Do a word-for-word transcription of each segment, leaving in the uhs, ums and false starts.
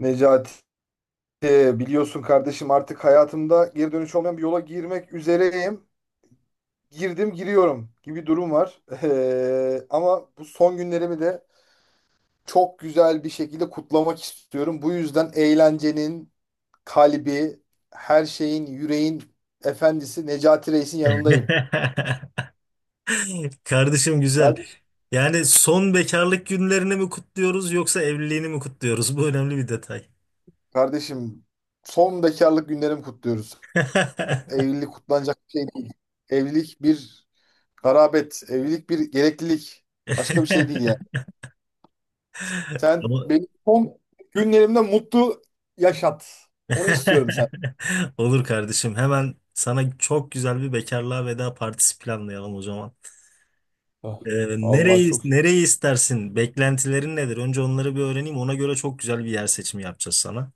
Necati, biliyorsun kardeşim, artık hayatımda geri dönüş olmayan bir yola girmek üzereyim. Girdim, giriyorum gibi durum var. Eee, ama bu son günlerimi de çok güzel bir şekilde kutlamak istiyorum. Bu yüzden eğlencenin kalbi, her şeyin, yüreğin efendisi Necati Reis'in yanındayım. Kardeşim güzel. Kardeşim, Yani son bekarlık günlerini mi kutluyoruz yoksa evliliğini mi kutluyoruz? Bu önemli bir detay. kardeşim, son bekarlık günlerimi kutluyoruz. Evlilik kutlanacak bir şey değil. Evlilik bir garabet, evlilik bir gereklilik. Başka bir şey değil yani. Sen Ama- benim son günlerimde mutlu yaşat. Onu istiyorum sen. Olur kardeşim. Hemen sana çok güzel bir bekarlığa veda partisi planlayalım o zaman. Ah, Ee, vallahi nereyi çok, nereyi istersin? Beklentilerin nedir? Önce onları bir öğreneyim. Ona göre çok güzel bir yer seçimi yapacağız sana.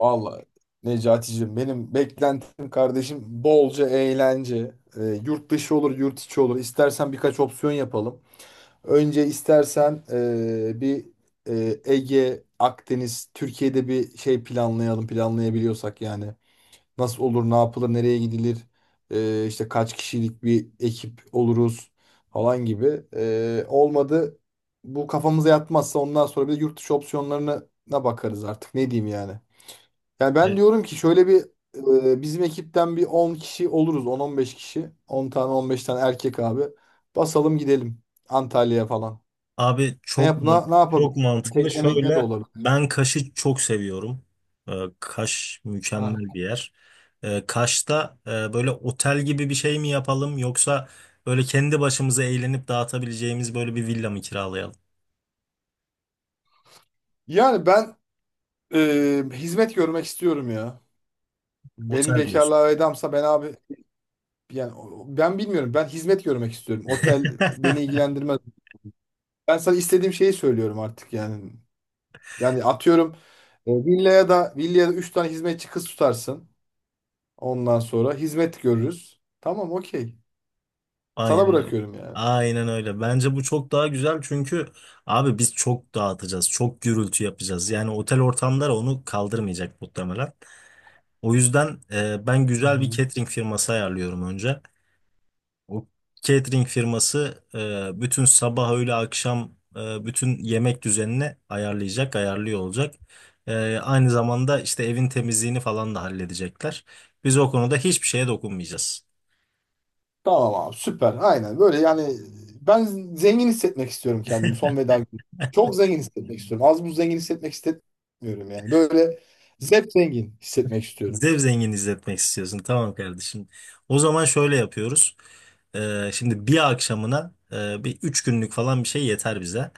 vallahi Necaticim, benim beklentim kardeşim bolca eğlence. Ee, yurt dışı olur, yurt içi olur. İstersen birkaç opsiyon yapalım. Önce istersen ee, bir ee, Ege, Akdeniz, Türkiye'de bir şey planlayalım, planlayabiliyorsak yani. Nasıl olur, ne yapılır, nereye gidilir, e, işte kaç kişilik bir ekip oluruz falan gibi. E, olmadı, bu kafamıza yatmazsa, ondan sonra bir de yurt dışı opsiyonlarına na bakarız artık, ne diyeyim yani. Yani ben Evet. diyorum ki şöyle bir e, bizim ekipten bir on kişi oluruz, on on beş kişi, on tane, on beş tane erkek abi, basalım gidelim Antalya'ya falan. Abi Ne çok yap man- ne, ne çok yapabilir? mantıklı. Teklemek ne de Şöyle olabilir. ben Kaş'ı çok seviyorum. Ee, Kaş Ha. mükemmel bir yer. Ee, Kaş'ta e, böyle otel gibi bir şey mi yapalım yoksa böyle kendi başımıza eğlenip dağıtabileceğimiz böyle bir villa mı kiralayalım? Yani ben e, hizmet görmek istiyorum ya. Beni Otel diyorsun. bekarlığa vedamsa ben abi yani o- ben bilmiyorum. Ben hizmet görmek istiyorum. Otel beni ilgilendirmez. Ben sana istediğim şeyi söylüyorum artık yani. Yani atıyorum e, villaya da villaya da üç tane hizmetçi kız tutarsın. Ondan sonra hizmet görürüz. Tamam, okey. Sana Aynen öyle. bırakıyorum yani. Aynen öyle. Bence bu çok daha güzel çünkü abi biz çok dağıtacağız, çok gürültü yapacağız. Yani otel ortamları onu kaldırmayacak muhtemelen. O yüzden e, ben Hı güzel bir hı. catering firması ayarlıyorum önce. O catering firması e, bütün sabah, öğle, akşam e, bütün yemek düzenini ayarlayacak, ayarlıyor olacak. E, aynı zamanda işte evin temizliğini falan da halledecekler. Biz o konuda hiçbir şeye dokunmayacağız. Tamam abi, süper. Aynen böyle yani, ben zengin hissetmek istiyorum kendimi son veda günü. Çok zengin hissetmek istiyorum. Az buz zengin hissetmek istemiyorum yani. Böyle zevk zengin hissetmek istiyorum. Zevzengin izletmek istiyorsun. Tamam kardeşim. O zaman şöyle yapıyoruz. E, şimdi bir akşamına e, bir üç günlük falan bir şey yeter bize.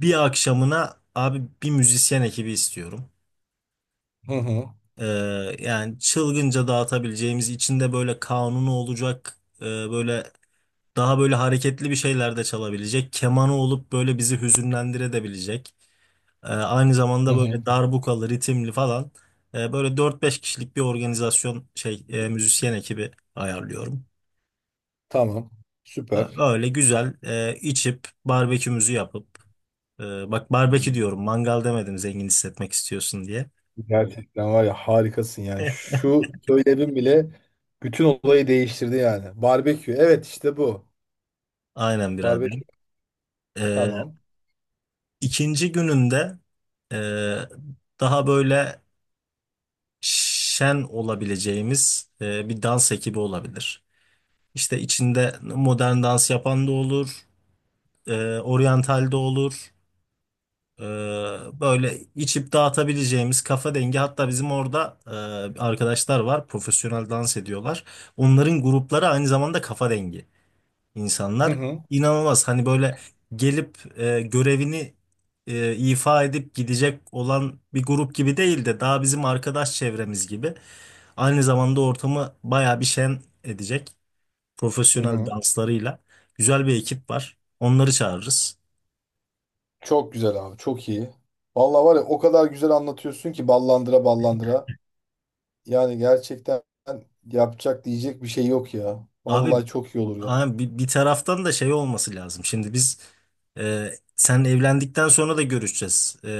Bir akşamına abi bir müzisyen ekibi istiyorum. Hı hı. Ee, Yani çılgınca dağıtabileceğimiz içinde böyle kanunu olacak, e, böyle daha böyle hareketli bir şeyler de çalabilecek kemanı olup böyle bizi hüzünlendirebilecek. Ee, aynı Hı zamanda hı. böyle darbukalı ritimli falan. Ee, böyle dört beş kişilik bir organizasyon şey e, müzisyen ekibi ayarlıyorum. Tamam. Ee, Süper. Öyle güzel e, içip barbekümüzü yapıp, e, bak barbekü diyorum, mangal demedim, zengin hissetmek istiyorsun diye. Gerçekten var ya, harikasın yani. Şu söylemin bile bütün olayı değiştirdi yani. Barbekü. Evet, işte bu. Aynen Barbekü. biraderim. Tamam. İkinci gününde e, daha böyle şen olabileceğimiz e, bir dans ekibi olabilir. İşte içinde modern dans yapan da olur, e, oryantal de olur. E, Böyle içip dağıtabileceğimiz kafa dengi. Hatta bizim orada e, arkadaşlar var, profesyonel dans ediyorlar. Onların grupları aynı zamanda kafa dengi Hı insanlar. hı. İnanılmaz hani böyle gelip e, görevini e, ifa edip gidecek olan bir grup gibi değil de daha bizim arkadaş çevremiz gibi. Aynı zamanda ortamı bayağı bir şen edecek Hı profesyonel hı. danslarıyla. Güzel bir ekip var. Onları çağırırız. Çok güzel abi. Çok iyi. Vallahi var ya, o kadar güzel anlatıyorsun ki, ballandıra ballandıra. Yani gerçekten yapacak, diyecek bir şey yok ya. Abi Vallahi çok iyi olur ya. ama bir, bir taraftan da şey olması lazım. Şimdi biz, e, sen evlendikten sonra da görüşeceğiz. E,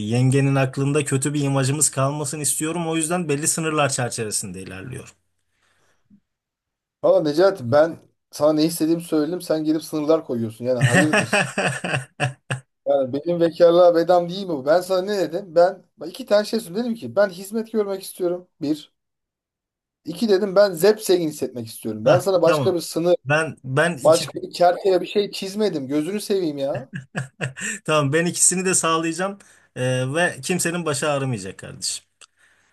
Yengenin aklında kötü bir imajımız kalmasın istiyorum. O yüzden belli sınırlar çerçevesinde ilerliyorum. Valla Necati, ben sana ne istediğimi söyledim. Sen gelip sınırlar koyuyorsun. Yani hayırdır? Yani benim vekarlığa bedam değil mi bu? Ben sana ne dedim? Ben bak, iki tane şey söyledim. Dedim ki ben hizmet görmek istiyorum. Bir. İki, dedim ben zevk hissetmek istiyorum. Ben Hah, sana başka tamam. bir sınır, Ben ben iki başka bir çerçeve, bir şey çizmedim. Gözünü seveyim ya. tamam, ben ikisini de sağlayacağım. E, ve kimsenin başı ağrımayacak kardeşim.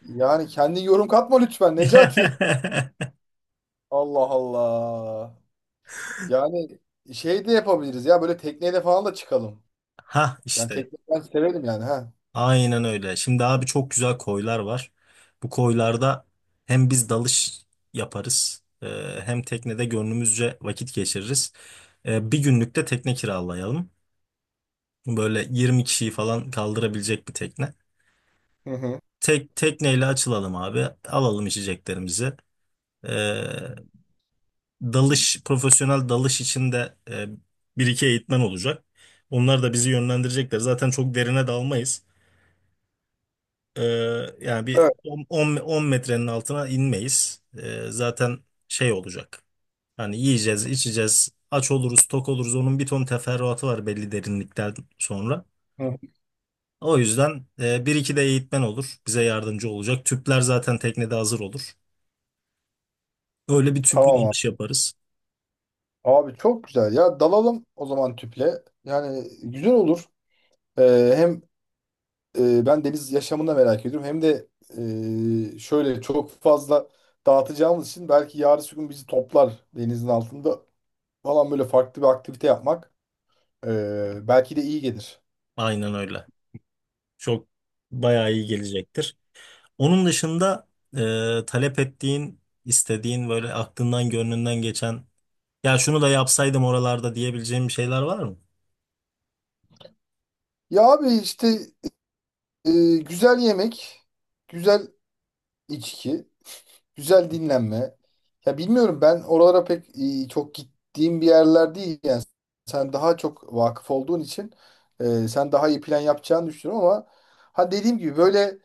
Yani kendi yorum katma lütfen Necati. Allah Allah. Yani şey de yapabiliriz ya, böyle tekneyle falan da çıkalım. Ha Yani işte. tekne ben severim yani ha. Aynen öyle. Şimdi abi çok güzel koylar var. Bu koylarda hem biz dalış yaparız, e, hem teknede gönlümüzce vakit geçiririz. E, Bir günlük de tekne kiralayalım. Böyle yirmi kişiyi falan kaldırabilecek bir tekne. Hı hı. Tek tekneyle açılalım abi. Alalım içeceklerimizi. E, Dalış, profesyonel dalış için de e, bir iki eğitmen olacak. Onlar da bizi yönlendirecekler. Zaten çok derine dalmayız. Ee, Yani bir Evet. on metrenin altına inmeyiz. Ee, zaten şey olacak. Hani yiyeceğiz, içeceğiz, aç oluruz, tok oluruz. Onun bir ton teferruatı var belli derinlikten sonra. Hı hı. O yüzden e, bir iki de eğitmen olur. Bize yardımcı olacak. Tüpler zaten teknede hazır olur. Öyle bir tüplü Tamam abi. dalış yaparız. Abi çok güzel ya, dalalım o zaman tüple. Yani güzel olur. Ee, hem e, ben deniz yaşamını da merak ediyorum. Hem de e, şöyle çok fazla dağıtacağımız için, belki yarın bir gün bizi toplar denizin altında falan, böyle farklı bir aktivite yapmak e, belki de iyi gelir. Aynen öyle. Çok bayağı iyi gelecektir. Onun dışında e, talep ettiğin, istediğin, böyle aklından gönlünden geçen, ya şunu da yapsaydım oralarda diyebileceğim bir şeyler var mı? Ya abi işte e, güzel yemek, güzel içki. Güzel dinlenme. Ya bilmiyorum, ben oralara pek e, çok gittiğim bir yerler değil yani. Sen daha çok vakıf olduğun için e, sen daha iyi plan yapacağını düşünüyorum, ama ha, dediğim gibi, böyle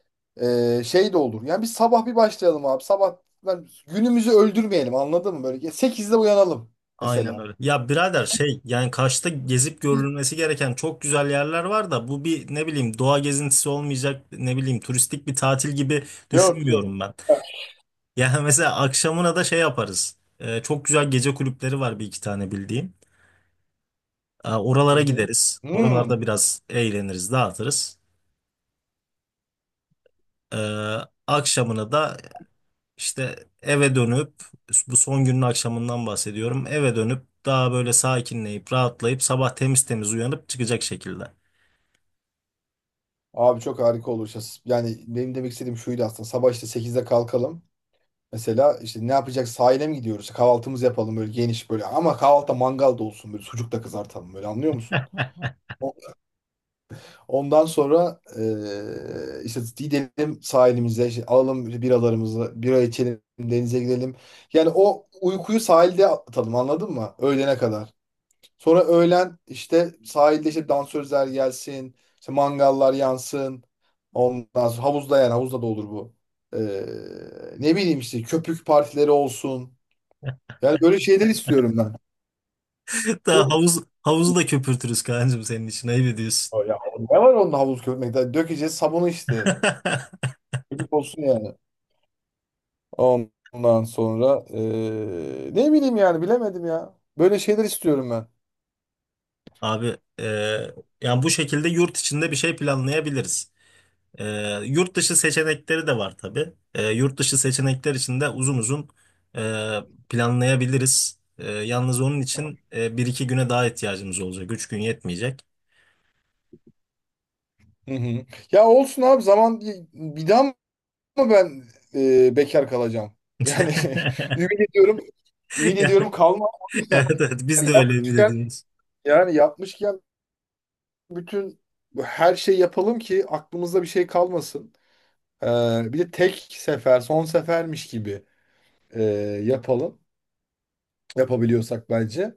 e, şey de olur. Yani bir sabah bir başlayalım abi. Sabah lan günümüzü öldürmeyelim, anladın mı? Böyle sekizde uyanalım Aynen mesela. öyle. Ya birader, şey yani Kaş'ta gezip görülmesi gereken çok güzel yerler var da bu bir ne bileyim doğa gezintisi olmayacak, ne bileyim turistik bir tatil gibi Yok yok. düşünmüyorum ben. Yani mesela akşamına da şey yaparız. Ee, çok güzel gece kulüpleri var, bir iki tane bildiğim. Ee, Hı Oralara hı. gideriz. Hmm. Oralarda biraz eğleniriz, dağıtırız. Ee, Akşamına da İşte eve dönüp, bu son günün akşamından bahsediyorum, eve dönüp daha böyle sakinleyip rahatlayıp sabah temiz temiz uyanıp çıkacak şekilde. Abi çok harika olur. Yani benim demek istediğim şuydu aslında. Sabah işte sekizde kalkalım. Mesela işte ne yapacak, sahile mi gidiyoruz? Kahvaltımızı yapalım böyle geniş, böyle ama kahvaltıda mangal da olsun, böyle sucuk da kızartalım, böyle anlıyor musun? O- Ondan sonra eee, işte gidelim sahilimize, işte alalım biralarımızı, bira içelim, denize gidelim. Yani o uykuyu sahilde atalım, anladın mı? Öğlene kadar. Sonra öğlen işte sahilde işte dansözler gelsin, işte mangallar yansın. Ondan sonra havuzda, yani havuzda da olur bu. Eee, Ne bileyim, işte köpük partileri olsun. Yani böyle şeyler istiyorum ben. Hatta Çok, havuz havuzu da köpürtürüz kancım, senin için ayıp ediyorsun. ya ne var onun havuz köpürmekte? Dökeceğiz sabunu işte. Köpük olsun yani. Ondan sonra eee, ne bileyim yani, bilemedim ya. Böyle şeyler istiyorum ben. Abi e, yani bu şekilde yurt içinde bir şey planlayabiliriz. E, Yurt dışı seçenekleri de var tabii. E, yurt dışı seçenekler için de uzun uzun e, planlayabiliriz. E, yalnız onun için e, bir iki güne daha ihtiyacımız olacak. Üç gün yetmeyecek. Hı hı. Ya olsun abi, zaman bir daha mı ben eee, bekar kalacağım? Yani ümit ediyorum. Ümit Ya, ediyorum kalmam, o yüzden. evet evet, biz Yani de öyle mi yapmışken dediniz? yani yapmışken bütün her şeyi yapalım ki aklımızda bir şey kalmasın. Ee, bir de tek sefer, son sefermiş gibi e, yapalım. Yapabiliyorsak bence.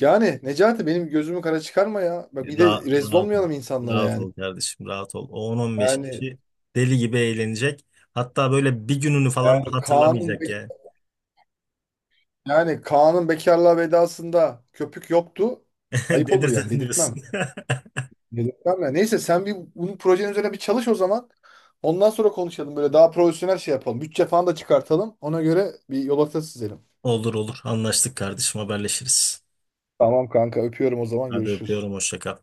Yani Necati, benim gözümü kara çıkarma ya. Bak, bir de Ra- rezil Rahat ol. olmayalım insanlara Rahat yani. ol kardeşim, rahat ol. O on on beş Yani, kişi deli gibi eğlenecek. Hatta böyle bir gününü falan da yani Kaan'ın hatırlamayacak be- yani. yani Kaan'ın bekarlığa vedasında köpük yoktu. Ayıp olur yani, Dedirten dedirtmem. diyorsun. Dedirtmem ya. Neyse, sen bir bunun projenin üzerine bir çalış o zaman. Ondan sonra konuşalım, böyle daha profesyonel şey yapalım. Bütçe falan da çıkartalım. Ona göre bir yol haritası çizelim. Olur olur, anlaştık kardeşim, haberleşiriz. Tamam kanka, öpüyorum, o zaman Hadi görüşürüz. öpüyorum, hoşça kal.